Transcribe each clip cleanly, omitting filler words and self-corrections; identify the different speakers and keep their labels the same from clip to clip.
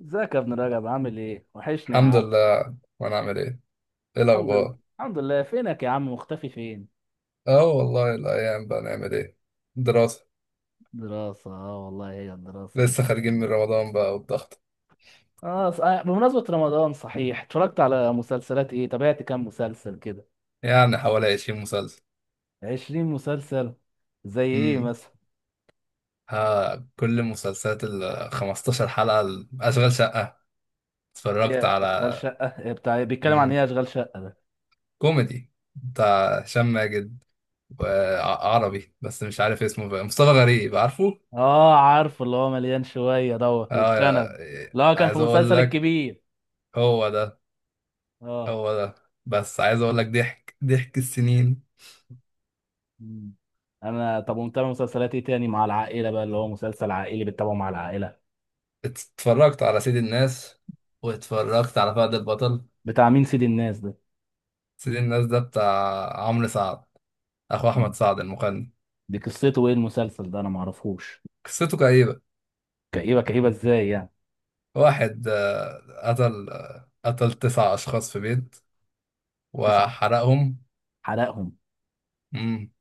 Speaker 1: ازيك يا ابن رجب؟ عامل ايه؟ وحشني يا
Speaker 2: الحمد
Speaker 1: عم.
Speaker 2: لله. وانا عامل ايه؟ ايه
Speaker 1: الحمد لله
Speaker 2: الاخبار؟
Speaker 1: الحمد لله، فينك يا عم؟ مختفي فين؟
Speaker 2: اه، والله الايام بقى، نعمل ايه؟ دراسة.
Speaker 1: دراسة، اه والله هي الدراسة اللي
Speaker 2: لسه
Speaker 1: بتبقى.
Speaker 2: خارجين من رمضان بقى والضغط.
Speaker 1: بمناسبة رمضان صحيح، اتفرجت على مسلسلات ايه؟ تابعت كام مسلسل كده؟
Speaker 2: يعني حوالي 20 مسلسل.
Speaker 1: 20 مسلسل. زي ايه
Speaker 2: امم
Speaker 1: مثلا؟
Speaker 2: ها، كل مسلسلات ال 15 حلقة اشغال شقة اتفرجت
Speaker 1: ايه اشغال
Speaker 2: على.
Speaker 1: شقة؟ إيه بتاع، بيتكلم عن
Speaker 2: امم
Speaker 1: ايه اشغال شقة؟
Speaker 2: كوميدي بتاع هشام ماجد، وعربي بس مش عارف اسمه بقى، مصطفى غريب عارفه.
Speaker 1: اه عارف، اللي هو مليان شوية دوت
Speaker 2: اه،
Speaker 1: وبشنب. اللي هو كان في
Speaker 2: عايز اقول
Speaker 1: مسلسل
Speaker 2: لك.
Speaker 1: الكبير.
Speaker 2: هو ده،
Speaker 1: اه.
Speaker 2: هو ده. بس عايز اقول لك، ضحك ضحك السنين.
Speaker 1: مم. انا طب، ومتابع مسلسلات ايه تاني مع العائلة بقى، اللي هو مسلسل عائلي بتتابعه مع العائلة.
Speaker 2: اتفرجت على سيد الناس، واتفرجت على فهد البطل.
Speaker 1: بتاع مين سيد الناس ده؟
Speaker 2: سيد الناس ده بتاع عمرو سعد، اخو احمد
Speaker 1: مم.
Speaker 2: سعد المغني.
Speaker 1: دي قصته ايه المسلسل ده؟ انا معرفوش.
Speaker 2: قصته كئيبة.
Speaker 1: كئيبه، كئيبه ازاي يعني؟
Speaker 2: واحد قتل، قتل تسع اشخاص في بيت
Speaker 1: تسع.
Speaker 2: وحرقهم.
Speaker 1: حلقهم.
Speaker 2: مم.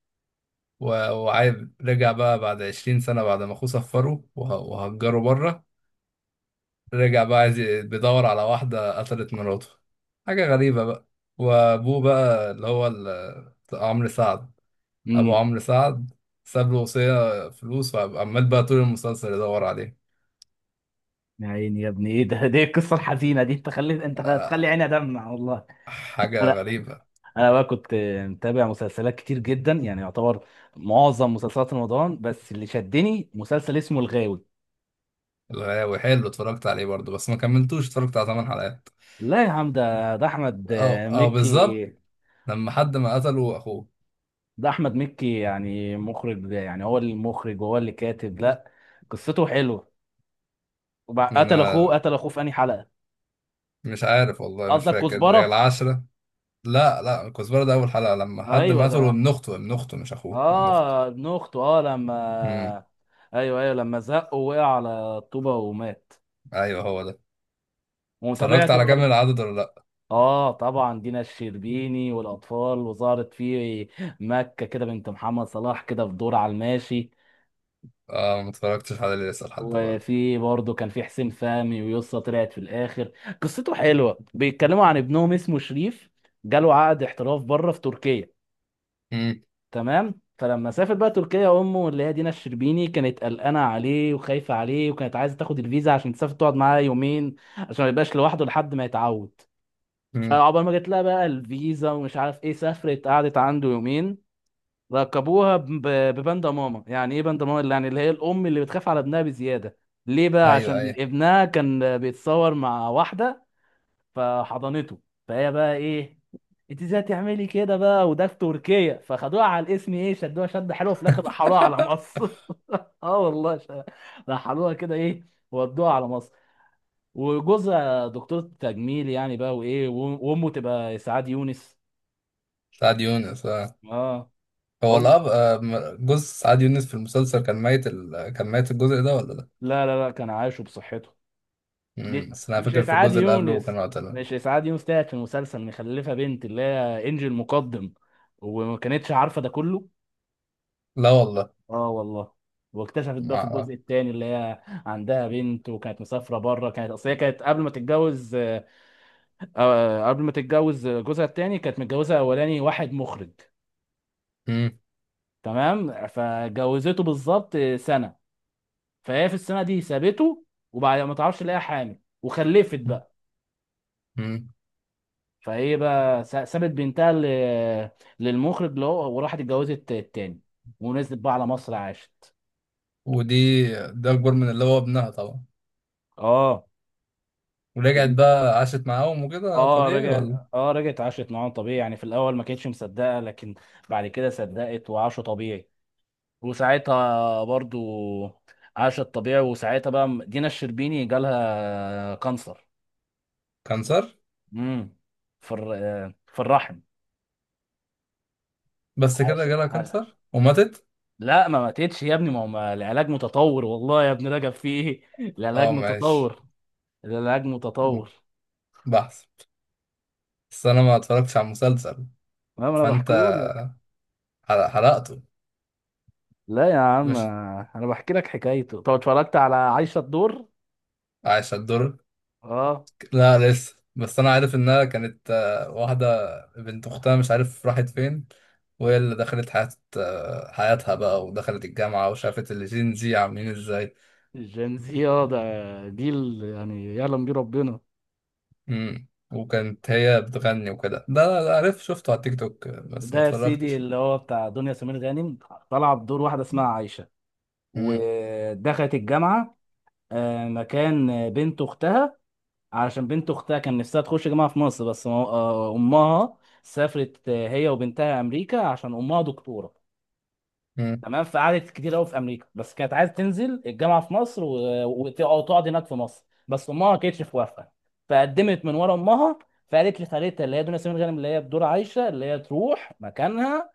Speaker 2: وعايز، رجع بقى بعد 20 سنة بعد ما اخوه سفره وهجره بره. رجع بقى عايز بيدور على واحدة قتلت مراته. حاجة غريبة بقى. وابوه بقى، اللي هو عمرو سعد، ابو
Speaker 1: امم
Speaker 2: عمرو سعد، ساب له وصية فلوس، وعمال بقى طول المسلسل يدور عليه.
Speaker 1: يا عيني يا ابني، ايه ده، دي القصه الحزينه دي؟ انت خليت، انت هتخلي
Speaker 2: آه،
Speaker 1: عيني ادمع والله.
Speaker 2: حاجة
Speaker 1: انا
Speaker 2: غريبة.
Speaker 1: انا بقى كنت متابع مسلسلات كتير جدا يعني، يعتبر معظم مسلسلات رمضان، بس اللي شدني مسلسل اسمه الغاوي.
Speaker 2: الغاوي حلو، اتفرجت عليه برضه بس ما كملتوش، اتفرجت على ثمان حلقات.
Speaker 1: لا يا عم، ده احمد
Speaker 2: او، او بالظبط.
Speaker 1: مكي.
Speaker 2: لما حد ما قتله اخوه.
Speaker 1: ده احمد مكي، يعني مخرج، يعني هو المخرج وهو اللي كاتب. لا، قصته حلوه. قتل اخوه،
Speaker 2: ما-
Speaker 1: قتل اخوه في انهي حلقه؟
Speaker 2: مش عارف والله، مش
Speaker 1: قصدك
Speaker 2: فاكر اللي هي
Speaker 1: كزبره؟
Speaker 2: العشرة. لا، لا، الكزبرة ده اول حلقة لما حد
Speaker 1: ايوه
Speaker 2: ما قتله
Speaker 1: ده.
Speaker 2: ابن اخته. ابن اخته، مش اخوه، ابن اخته.
Speaker 1: اه ابن اخته، اه لما.
Speaker 2: امم
Speaker 1: ايوه ايوه لما زق ووقع على الطوبه ومات.
Speaker 2: ايوه، هو ده. اتفرجت
Speaker 1: وتابعت
Speaker 2: على كامل
Speaker 1: برضه؟
Speaker 2: العدد ولا لا؟
Speaker 1: اه طبعا، دينا الشربيني والاطفال، وظهرت في مكه كده بنت محمد صلاح كده في دور على الماشي.
Speaker 2: اه، ما اتفرجتش على اللي لسه لحد دلوقتي.
Speaker 1: وفي برضه كان في حسين فهمي، ويسطا طلعت في الاخر. قصته حلوه، بيتكلموا عن ابنهم اسمه شريف، جاله عقد احتراف بره في تركيا.
Speaker 2: امم
Speaker 1: تمام، فلما سافر بقى تركيا، امه اللي هي دينا الشربيني كانت قلقانه عليه وخايفه عليه، وكانت عايزه تاخد الفيزا عشان تسافر تقعد معاه يومين، عشان ما يبقاش لوحده لحد ما يتعود.
Speaker 2: امم
Speaker 1: فعقبال ما جت لها بقى الفيزا ومش عارف ايه، سافرت قعدت عنده يومين. ركبوها بباندا ماما. يعني ايه باندا ماما؟ يعني اللي هي الام اللي بتخاف على ابنها بزياده. ليه بقى؟
Speaker 2: ايوه،
Speaker 1: عشان
Speaker 2: ايوه.
Speaker 1: ابنها كان بيتصور مع واحده، فحضنته. فهي بقى ايه، انت ازاي تعملي كده بقى؟ وده في تركيا. فخدوها على الاسم ايه، شدوها شد حلوه في الاخر، رحلوها على مصر. اه والله ش- رحلوها كده ايه، ودوها على مصر. وجوزها دكتور تجميل يعني بقى، وامه تبقى اسعاد يونس.
Speaker 2: سعد يونس. آه.
Speaker 1: اه
Speaker 2: هو
Speaker 1: ام
Speaker 2: الأب، جوز سعاد يونس في المسلسل كان ميت، كان ميت الجزء ده ولا لا؟
Speaker 1: لا لا لا، كان عايشه بصحته. دي
Speaker 2: بس أنا
Speaker 1: مش
Speaker 2: فاكر في
Speaker 1: اسعاد
Speaker 2: الجزء اللي قبله
Speaker 1: يونس.
Speaker 2: كان قتله.
Speaker 1: مش اسعاد يونس تاعت في المسلسل، مخلفه بنت اللي هي انجي المقدم. وما كانتش عارفه ده كله.
Speaker 2: لا والله،
Speaker 1: اه والله. واكتشفت
Speaker 2: ما
Speaker 1: بقى في
Speaker 2: أعرف.
Speaker 1: الجزء الثاني اللي هي عندها بنت، وكانت مسافره بره. كانت اصل هي كانت قبل ما تتجوز قبل ما تتجوز جوزها الثاني كانت متجوزه اولاني واحد مخرج.
Speaker 2: امم
Speaker 1: تمام، فجوزته بالظبط سنه. فهي في السنه دي سابته. وبعد ما تعرفش لقاها حامل وخلفت بقى.
Speaker 2: امم
Speaker 1: فهي بقى سابت بنتها للمخرج اللي هو، وراحت اتجوزت التاني. ونزلت بقى على مصر عاشت.
Speaker 2: ودي، ده أكبر من اللي هو ابنها طبعا.
Speaker 1: اه.
Speaker 2: ورجعت بقى عاشت معاهم، وكده طبيعي ولا؟
Speaker 1: رجعت عاشت معاهم طبيعي، يعني في الاول ما كانتش مصدقه، لكن بعد كده صدقت وعاشوا طبيعي. وساعتها برضو عاشت طبيعي، وساعتها بقى دينا الشربيني جالها كانسر.
Speaker 2: كانسر.
Speaker 1: امم. في الرحم.
Speaker 2: بس كده
Speaker 1: عش...
Speaker 2: جالها
Speaker 1: عش...
Speaker 2: كانسر وماتت؟
Speaker 1: لا، ما ماتتش يا ابني، ما هو العلاج متطور والله، يا ابني رجب في ايه. العلاج
Speaker 2: اه ماشي.
Speaker 1: متطور. العلاج متطور.
Speaker 2: بحث. بس أنا ما اتفرجتش على المسلسل.
Speaker 1: ما انا
Speaker 2: فأنت
Speaker 1: بحكيهولك.
Speaker 2: حرقته.
Speaker 1: لا يا عم،
Speaker 2: مش
Speaker 1: انا بحكي لك حكايته. طب اتفرجت على عايشة الدور؟
Speaker 2: عايش الدور.
Speaker 1: اه.
Speaker 2: لا لسه، بس انا عارف انها كانت واحده، بنت اختها مش عارف راحت فين، وهي اللي دخلت حياة، حياتها بقى، ودخلت الجامعه وشافت الجين زي عاملين ازاي.
Speaker 1: الجنزية ده جيل يعني، يعلم بيه ربنا.
Speaker 2: وكانت هي بتغني وكده ده. لا لا، عارف، شفته على تيك توك بس
Speaker 1: ده
Speaker 2: ما
Speaker 1: يا سيدي
Speaker 2: اتفرجتش لا.
Speaker 1: اللي هو بتاع دنيا سمير غانم، طلع بدور واحدة اسمها عايشة،
Speaker 2: امم
Speaker 1: ودخلت الجامعة مكان بنت أختها. علشان بنت أختها كان نفسها تخش جامعة في مصر، بس ما- آه، أمها سافرت هي وبنتها أمريكا، عشان أمها دكتورة.
Speaker 2: امم
Speaker 1: تمام، فقعدت كتير قوي في امريكا، بس كانت عايزه تنزل الجامعه في مصر أو تقعد هناك في مصر، بس امها ما كانتش موافقه. فقدمت من ورا امها. فقالت لخالتها اللي هي دنيا سمير غانم اللي هي بدور عايشه اللي هي تروح مكانها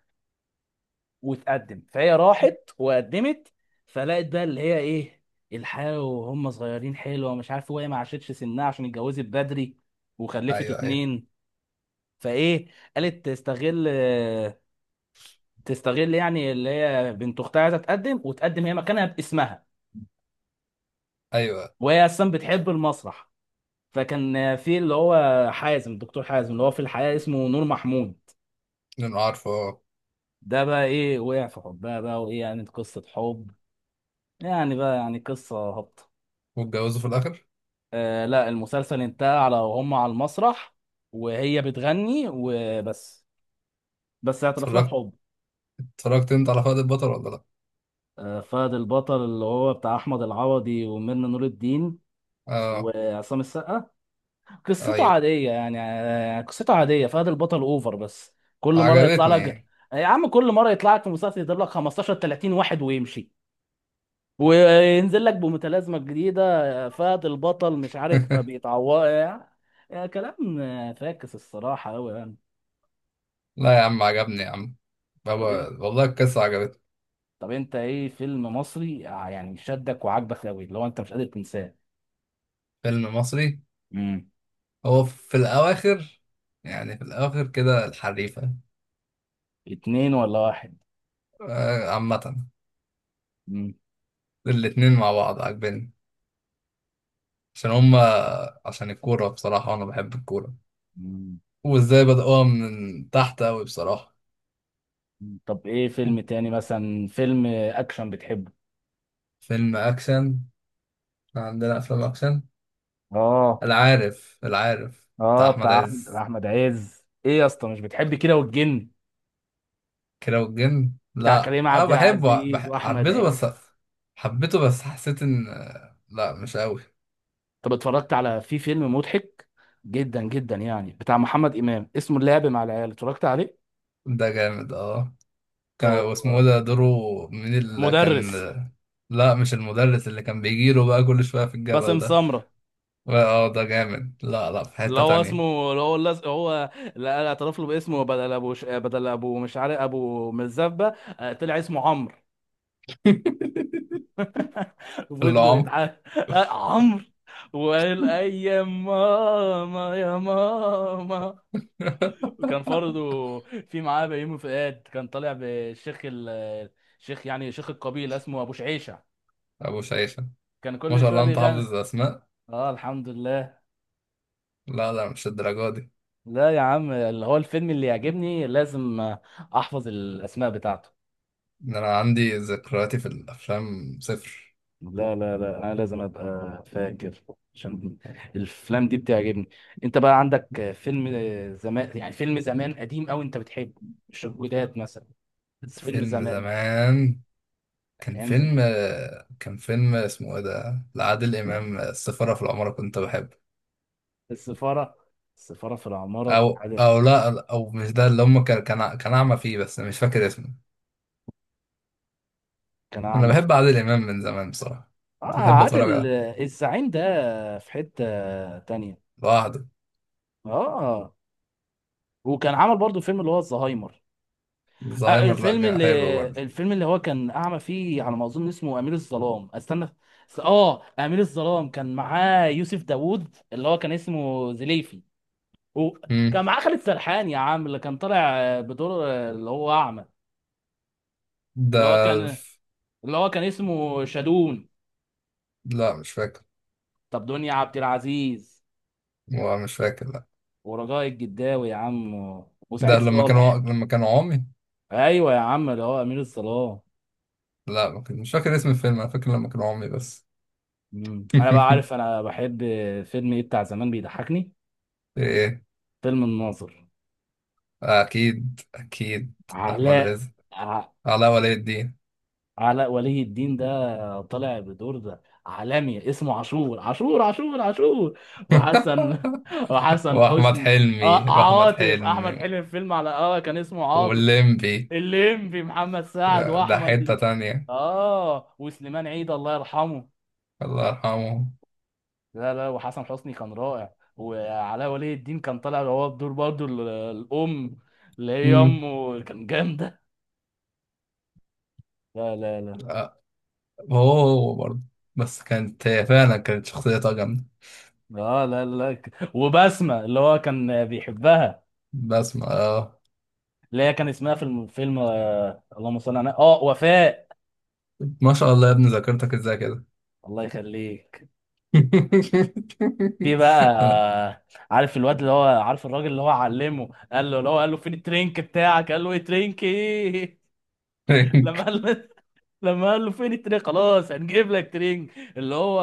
Speaker 1: وتقدم. فهي راحت وقدمت. فلقت بقى اللي هي ايه، الحياه وهم صغيرين حلوه ومش عارف، وهي ما عاشتش سنها عشان اتجوزت بدري وخلفت
Speaker 2: ايوه، ايوه.
Speaker 1: اتنين. فايه، قالت تستغل، تستغل يعني اللي هي بنت اختها عايزه تقدم، وتقدم هي مكانها باسمها.
Speaker 2: ايوه،
Speaker 1: وهي اصلا بتحب المسرح. فكان في اللي هو حازم، الدكتور حازم اللي هو في الحقيقه اسمه نور محمود.
Speaker 2: انا عارفه. آه.
Speaker 1: ده بقى ايه وقع في حبها بقى وايه يعني، قصه حب، يعني بقى يعني قصه هابطه.
Speaker 2: واتجوزوا في الاخر؟
Speaker 1: آه لا، المسلسل انتهى على وهم على المسرح وهي بتغني وبس. بس اعترف لها
Speaker 2: اتفرجت
Speaker 1: بحب.
Speaker 2: اتفرجت انت على فهد البطل ولا لا؟
Speaker 1: آه، فهد البطل اللي هو بتاع احمد العوضي وميرنا نور الدين
Speaker 2: اه.
Speaker 1: وعصام السقا. قصته
Speaker 2: ايوه،
Speaker 1: عادية يعني، قصته عادية. فهد البطل اوفر بس. كل مرة يطلع لك،
Speaker 2: عجبتني.
Speaker 1: يا عم كل مرة يطلع لك في مسلسل، يضرب لك 15 30 واحد ويمشي، وينزل لك بمتلازمة جديدة. فهد البطل مش عارف ما بيتعوض يعني. يعني كلام فاكس الصراحة أوي يعني.
Speaker 2: لا يا عم، عجبني يا عم
Speaker 1: طب
Speaker 2: بابا،
Speaker 1: انت
Speaker 2: والله القصه عجبتني.
Speaker 1: طب انت ايه فيلم مصري يعني شدك وعجبك أوي اللي هو انت مش قادر تنساه؟
Speaker 2: فيلم مصري.
Speaker 1: امم
Speaker 2: هو في الأواخر، يعني في الأواخر كده، الحريفة.
Speaker 1: اتنين ولا واحد؟
Speaker 2: عامة
Speaker 1: امم
Speaker 2: الاتنين مع بعض عاجبني، عشان هما، عشان الكورة بصراحة وأنا بحب الكورة،
Speaker 1: أمم.
Speaker 2: وإزاي بدأوها من تحت أوي بصراحة.
Speaker 1: طب ايه فيلم تاني مثلا، فيلم اكشن بتحبه؟
Speaker 2: فيلم أكشن. إحنا عندنا أفلام أكشن.
Speaker 1: اه.
Speaker 2: العارف بتاع
Speaker 1: اه
Speaker 2: أحمد
Speaker 1: بتاع احمد
Speaker 2: عز،
Speaker 1: أحمد عز، ايه يا اسطى مش بتحب كده، والجن
Speaker 2: كيرة والجن؟
Speaker 1: بتاع
Speaker 2: لا
Speaker 1: كريم
Speaker 2: أنا
Speaker 1: عبد
Speaker 2: بحبه،
Speaker 1: العزيز
Speaker 2: بح...
Speaker 1: واحمد
Speaker 2: حبيته
Speaker 1: عز.
Speaker 2: بس. حبيته، بس حسيت إن، لا مش أوي.
Speaker 1: طب اتفرجت على، في فيلم مضحك جدا جدا يعني بتاع محمد امام اسمه اللعب مع العيال، اتفرجت عليه؟
Speaker 2: ده جامد اه. كان
Speaker 1: هو
Speaker 2: واسمه إيه ده دوره، من اللي كان؟
Speaker 1: مدرس.
Speaker 2: لا مش المدرس، اللي كان بيجيله بقى كل شوية في الجبل
Speaker 1: باسم
Speaker 2: ده.
Speaker 1: سمرة.
Speaker 2: اه ده جامد. لا لا، في
Speaker 1: اللي
Speaker 2: حتة
Speaker 1: هو
Speaker 2: تانية.
Speaker 1: اسمه، اللي هو هو اللي اعترف له باسمه بدل بدل ابو، مش عارف، ابو مزبه. طلع اسمه عمرو. وفضلوا
Speaker 2: اللعام.
Speaker 1: يتعاملوا عمرو. وقال اي يا ماما يا ماما. وكان برضه في معاه بيومي فؤاد، كان طالع بالشيخ الشيخ يعني، شيخ القبيله اسمه ابو شعيشه.
Speaker 2: أبو شيشة.
Speaker 1: كان
Speaker 2: ما
Speaker 1: كل
Speaker 2: شاء
Speaker 1: شويه
Speaker 2: الله أنت
Speaker 1: بيغني.
Speaker 2: حافظ أسماء.
Speaker 1: اه الحمد لله.
Speaker 2: لا لا، مش الدرجة دي.
Speaker 1: لا يا عم، اللي هو الفيلم اللي يعجبني لازم احفظ الاسماء بتاعته.
Speaker 2: ده أنا عندي ذكرياتي في الأفلام صفر.
Speaker 1: لا لا لا، انا لازم ابقى فاكر، عشان الافلام دي بتعجبني. انت بقى عندك فيلم زمان يعني، فيلم زمان قديم قوي انت بتحبه؟ مش الجداد مثلا، بس فيلم
Speaker 2: فيلم
Speaker 1: زمان.
Speaker 2: زمان. كان
Speaker 1: ايام زمان.
Speaker 2: فيلم كان فيلم اسمه إيه ده، لعادل إمام، السفارة في العمارة، كنت بحبه.
Speaker 1: السفاره. السفاره في العماره.
Speaker 2: او،
Speaker 1: عادل.
Speaker 2: او لا، او مش ده، اللي هم كان اعمى فيه، بس مش فاكر اسمه.
Speaker 1: كان
Speaker 2: انا
Speaker 1: اعمى
Speaker 2: بحب
Speaker 1: فيه.
Speaker 2: عادل امام من زمان بصراحه.
Speaker 1: اه.
Speaker 2: كنت بحب اتفرج
Speaker 1: عادل
Speaker 2: على،
Speaker 1: الزعيم ده في حته تانية.
Speaker 2: لوحده.
Speaker 1: اه. وكان عمل برضو فيلم اللي هو الزهايمر.
Speaker 2: زهايمر، لا
Speaker 1: الفيلم،
Speaker 2: حلو
Speaker 1: اللي
Speaker 2: برضه.
Speaker 1: الفيلم اللي هو كان اعمى فيه على ما اظن اسمه امير الظلام. استنى اه، امير الظلام كان معاه يوسف داوود اللي هو كان اسمه زليفي. وكان
Speaker 2: امم
Speaker 1: معاه خالد سرحان يا عم، اللي كان طالع بدور اللي هو اعمى،
Speaker 2: ده
Speaker 1: اللي هو كان
Speaker 2: ف-
Speaker 1: اللي هو كان اسمه شادون.
Speaker 2: لا مش فاكر.
Speaker 1: طب دنيا عبد العزيز،
Speaker 2: هو مش فاكر لا.
Speaker 1: ورجاء الجداوي يا عم،
Speaker 2: ده
Speaker 1: وسعيد
Speaker 2: لما كانوا
Speaker 1: صالح.
Speaker 2: لما كانوا عمي.
Speaker 1: ايوه يا عم، اللي هو امير الظلام.
Speaker 2: لا ما كان- مش فاكر اسم الفيلم، انا فاكر لما كانوا عمي بس.
Speaker 1: انا بقى عارف، انا بحب فيلم ايه بتاع زمان بيضحكني؟
Speaker 2: ايه؟
Speaker 1: فيلم الناظر.
Speaker 2: اكيد، اكيد. احمد
Speaker 1: علاء
Speaker 2: رزق.
Speaker 1: ع-
Speaker 2: علاء ولي الدين.
Speaker 1: علاء ولي الدين. ده طالع بدور ده عالمي اسمه عاشور عاشور عاشور عاشور. وحسن وحسن
Speaker 2: واحمد
Speaker 1: حسني. اه
Speaker 2: حلمي واحمد
Speaker 1: عاطف، احمد
Speaker 2: حلمي
Speaker 1: حلمي في فيلم على كان اسمه عاطف.
Speaker 2: واللمبي.
Speaker 1: الليمبي، محمد سعد
Speaker 2: ده
Speaker 1: واحمد.
Speaker 2: حتة تانية.
Speaker 1: اه وسليمان عيد الله يرحمه.
Speaker 2: الله يرحمه.
Speaker 1: لا لا، وحسن حسني كان رائع، وعلاء ولي الدين كان طالع هو بدور برضه الام اللي هي
Speaker 2: امم
Speaker 1: امه كان جامده. لا لا لا.
Speaker 2: آه، هو، هو برضه. بس كانت هي فعلا كانت شخصيتها جامدة.
Speaker 1: اه لا لا لا وبسمة اللي هو كان بيحبها.
Speaker 2: بس ما. آه.
Speaker 1: اللي هي كان اسمها في الفيلم آه، اللهم صل على، اه وفاء.
Speaker 2: ما شاء الله يا ابني، ذاكرتك ازاي كده؟
Speaker 1: الله يخليك. في بقى
Speaker 2: أنا
Speaker 1: عارف الواد اللي هو، عارف الراجل اللي هو علمه، قال له اللي هو قال له فين الترينك بتاعك؟ قال له ايه ترينك ايه. لما قال له لما قال له فين الترينك، خلاص هنجيب لك ترينك. اللي هو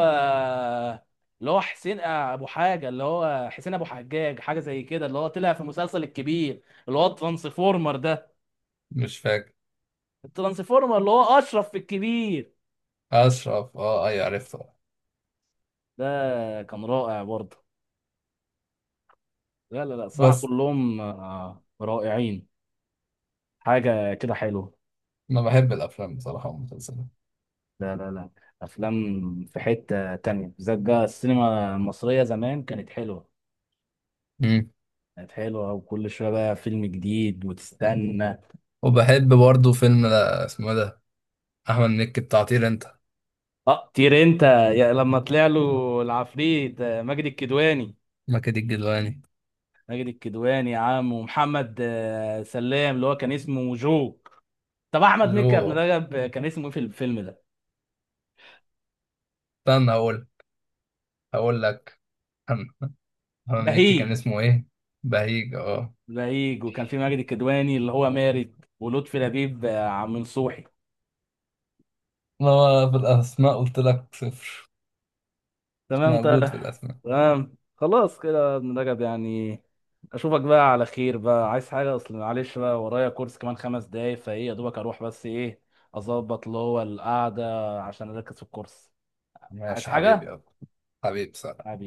Speaker 1: اللي هو حسين ابو حاجه، اللي هو حسين ابو حجاج، حاجه زي كده، اللي هو طلع في مسلسل الكبير، اللي هو الترانسفورمر ده.
Speaker 2: مش فاكر.
Speaker 1: الترانسفورمر اللي هو اشرف في الكبير
Speaker 2: أشرف اه، أي عرفته.
Speaker 1: ده، كان رائع برضه. لا لا لا، الصراحه
Speaker 2: بس
Speaker 1: كلهم رائعين. حاجه كده حلوه.
Speaker 2: أنا بحب الأفلام بصراحة والمسلسلات.
Speaker 1: لا لا لا، افلام في حته تانية، بالذات بقى السينما المصريه زمان كانت حلوه.
Speaker 2: مم.
Speaker 1: كانت حلوه، وكل شويه بقى فيلم جديد وتستنى.
Speaker 2: وبحب برضه فيلم، اسمه إيه ده، أحمد مكي بتاع طير أنت.
Speaker 1: اه طير انت، يا لما طلع له العفريت ماجد الكدواني.
Speaker 2: مكي الجدواني.
Speaker 1: ماجد الكدواني يا عم، ومحمد سلام اللي هو كان اسمه جو. طب احمد مكي يا ابن
Speaker 2: جو.
Speaker 1: رجب، كان اسمه ايه في الفيلم ده؟
Speaker 2: استنى أقول لك، هارون مكي كان
Speaker 1: بهيج.
Speaker 2: اسمه ايه؟ بهيج اه.
Speaker 1: بهيج، وكان في ماجد الكدواني اللي هو مارد، ولطفي لبيب عم نصوحي.
Speaker 2: ما هو في الاسماء قلت لك صفر. مش
Speaker 1: تمام
Speaker 2: موجود
Speaker 1: طيب.
Speaker 2: في الاسماء.
Speaker 1: تمام خلاص كده يا ابن رجب يعني، اشوفك بقى على خير بقى. عايز حاجه؟ اصل معلش بقى ورايا كورس كمان 5 دقايق، فايه يا دوبك اروح، بس ايه اظبط اللي هو القعده، عشان اركز في الكورس. عايز
Speaker 2: ماشي حبيبي
Speaker 1: حاجه؟
Speaker 2: يابا. حبيبي صح.
Speaker 1: حبيبي.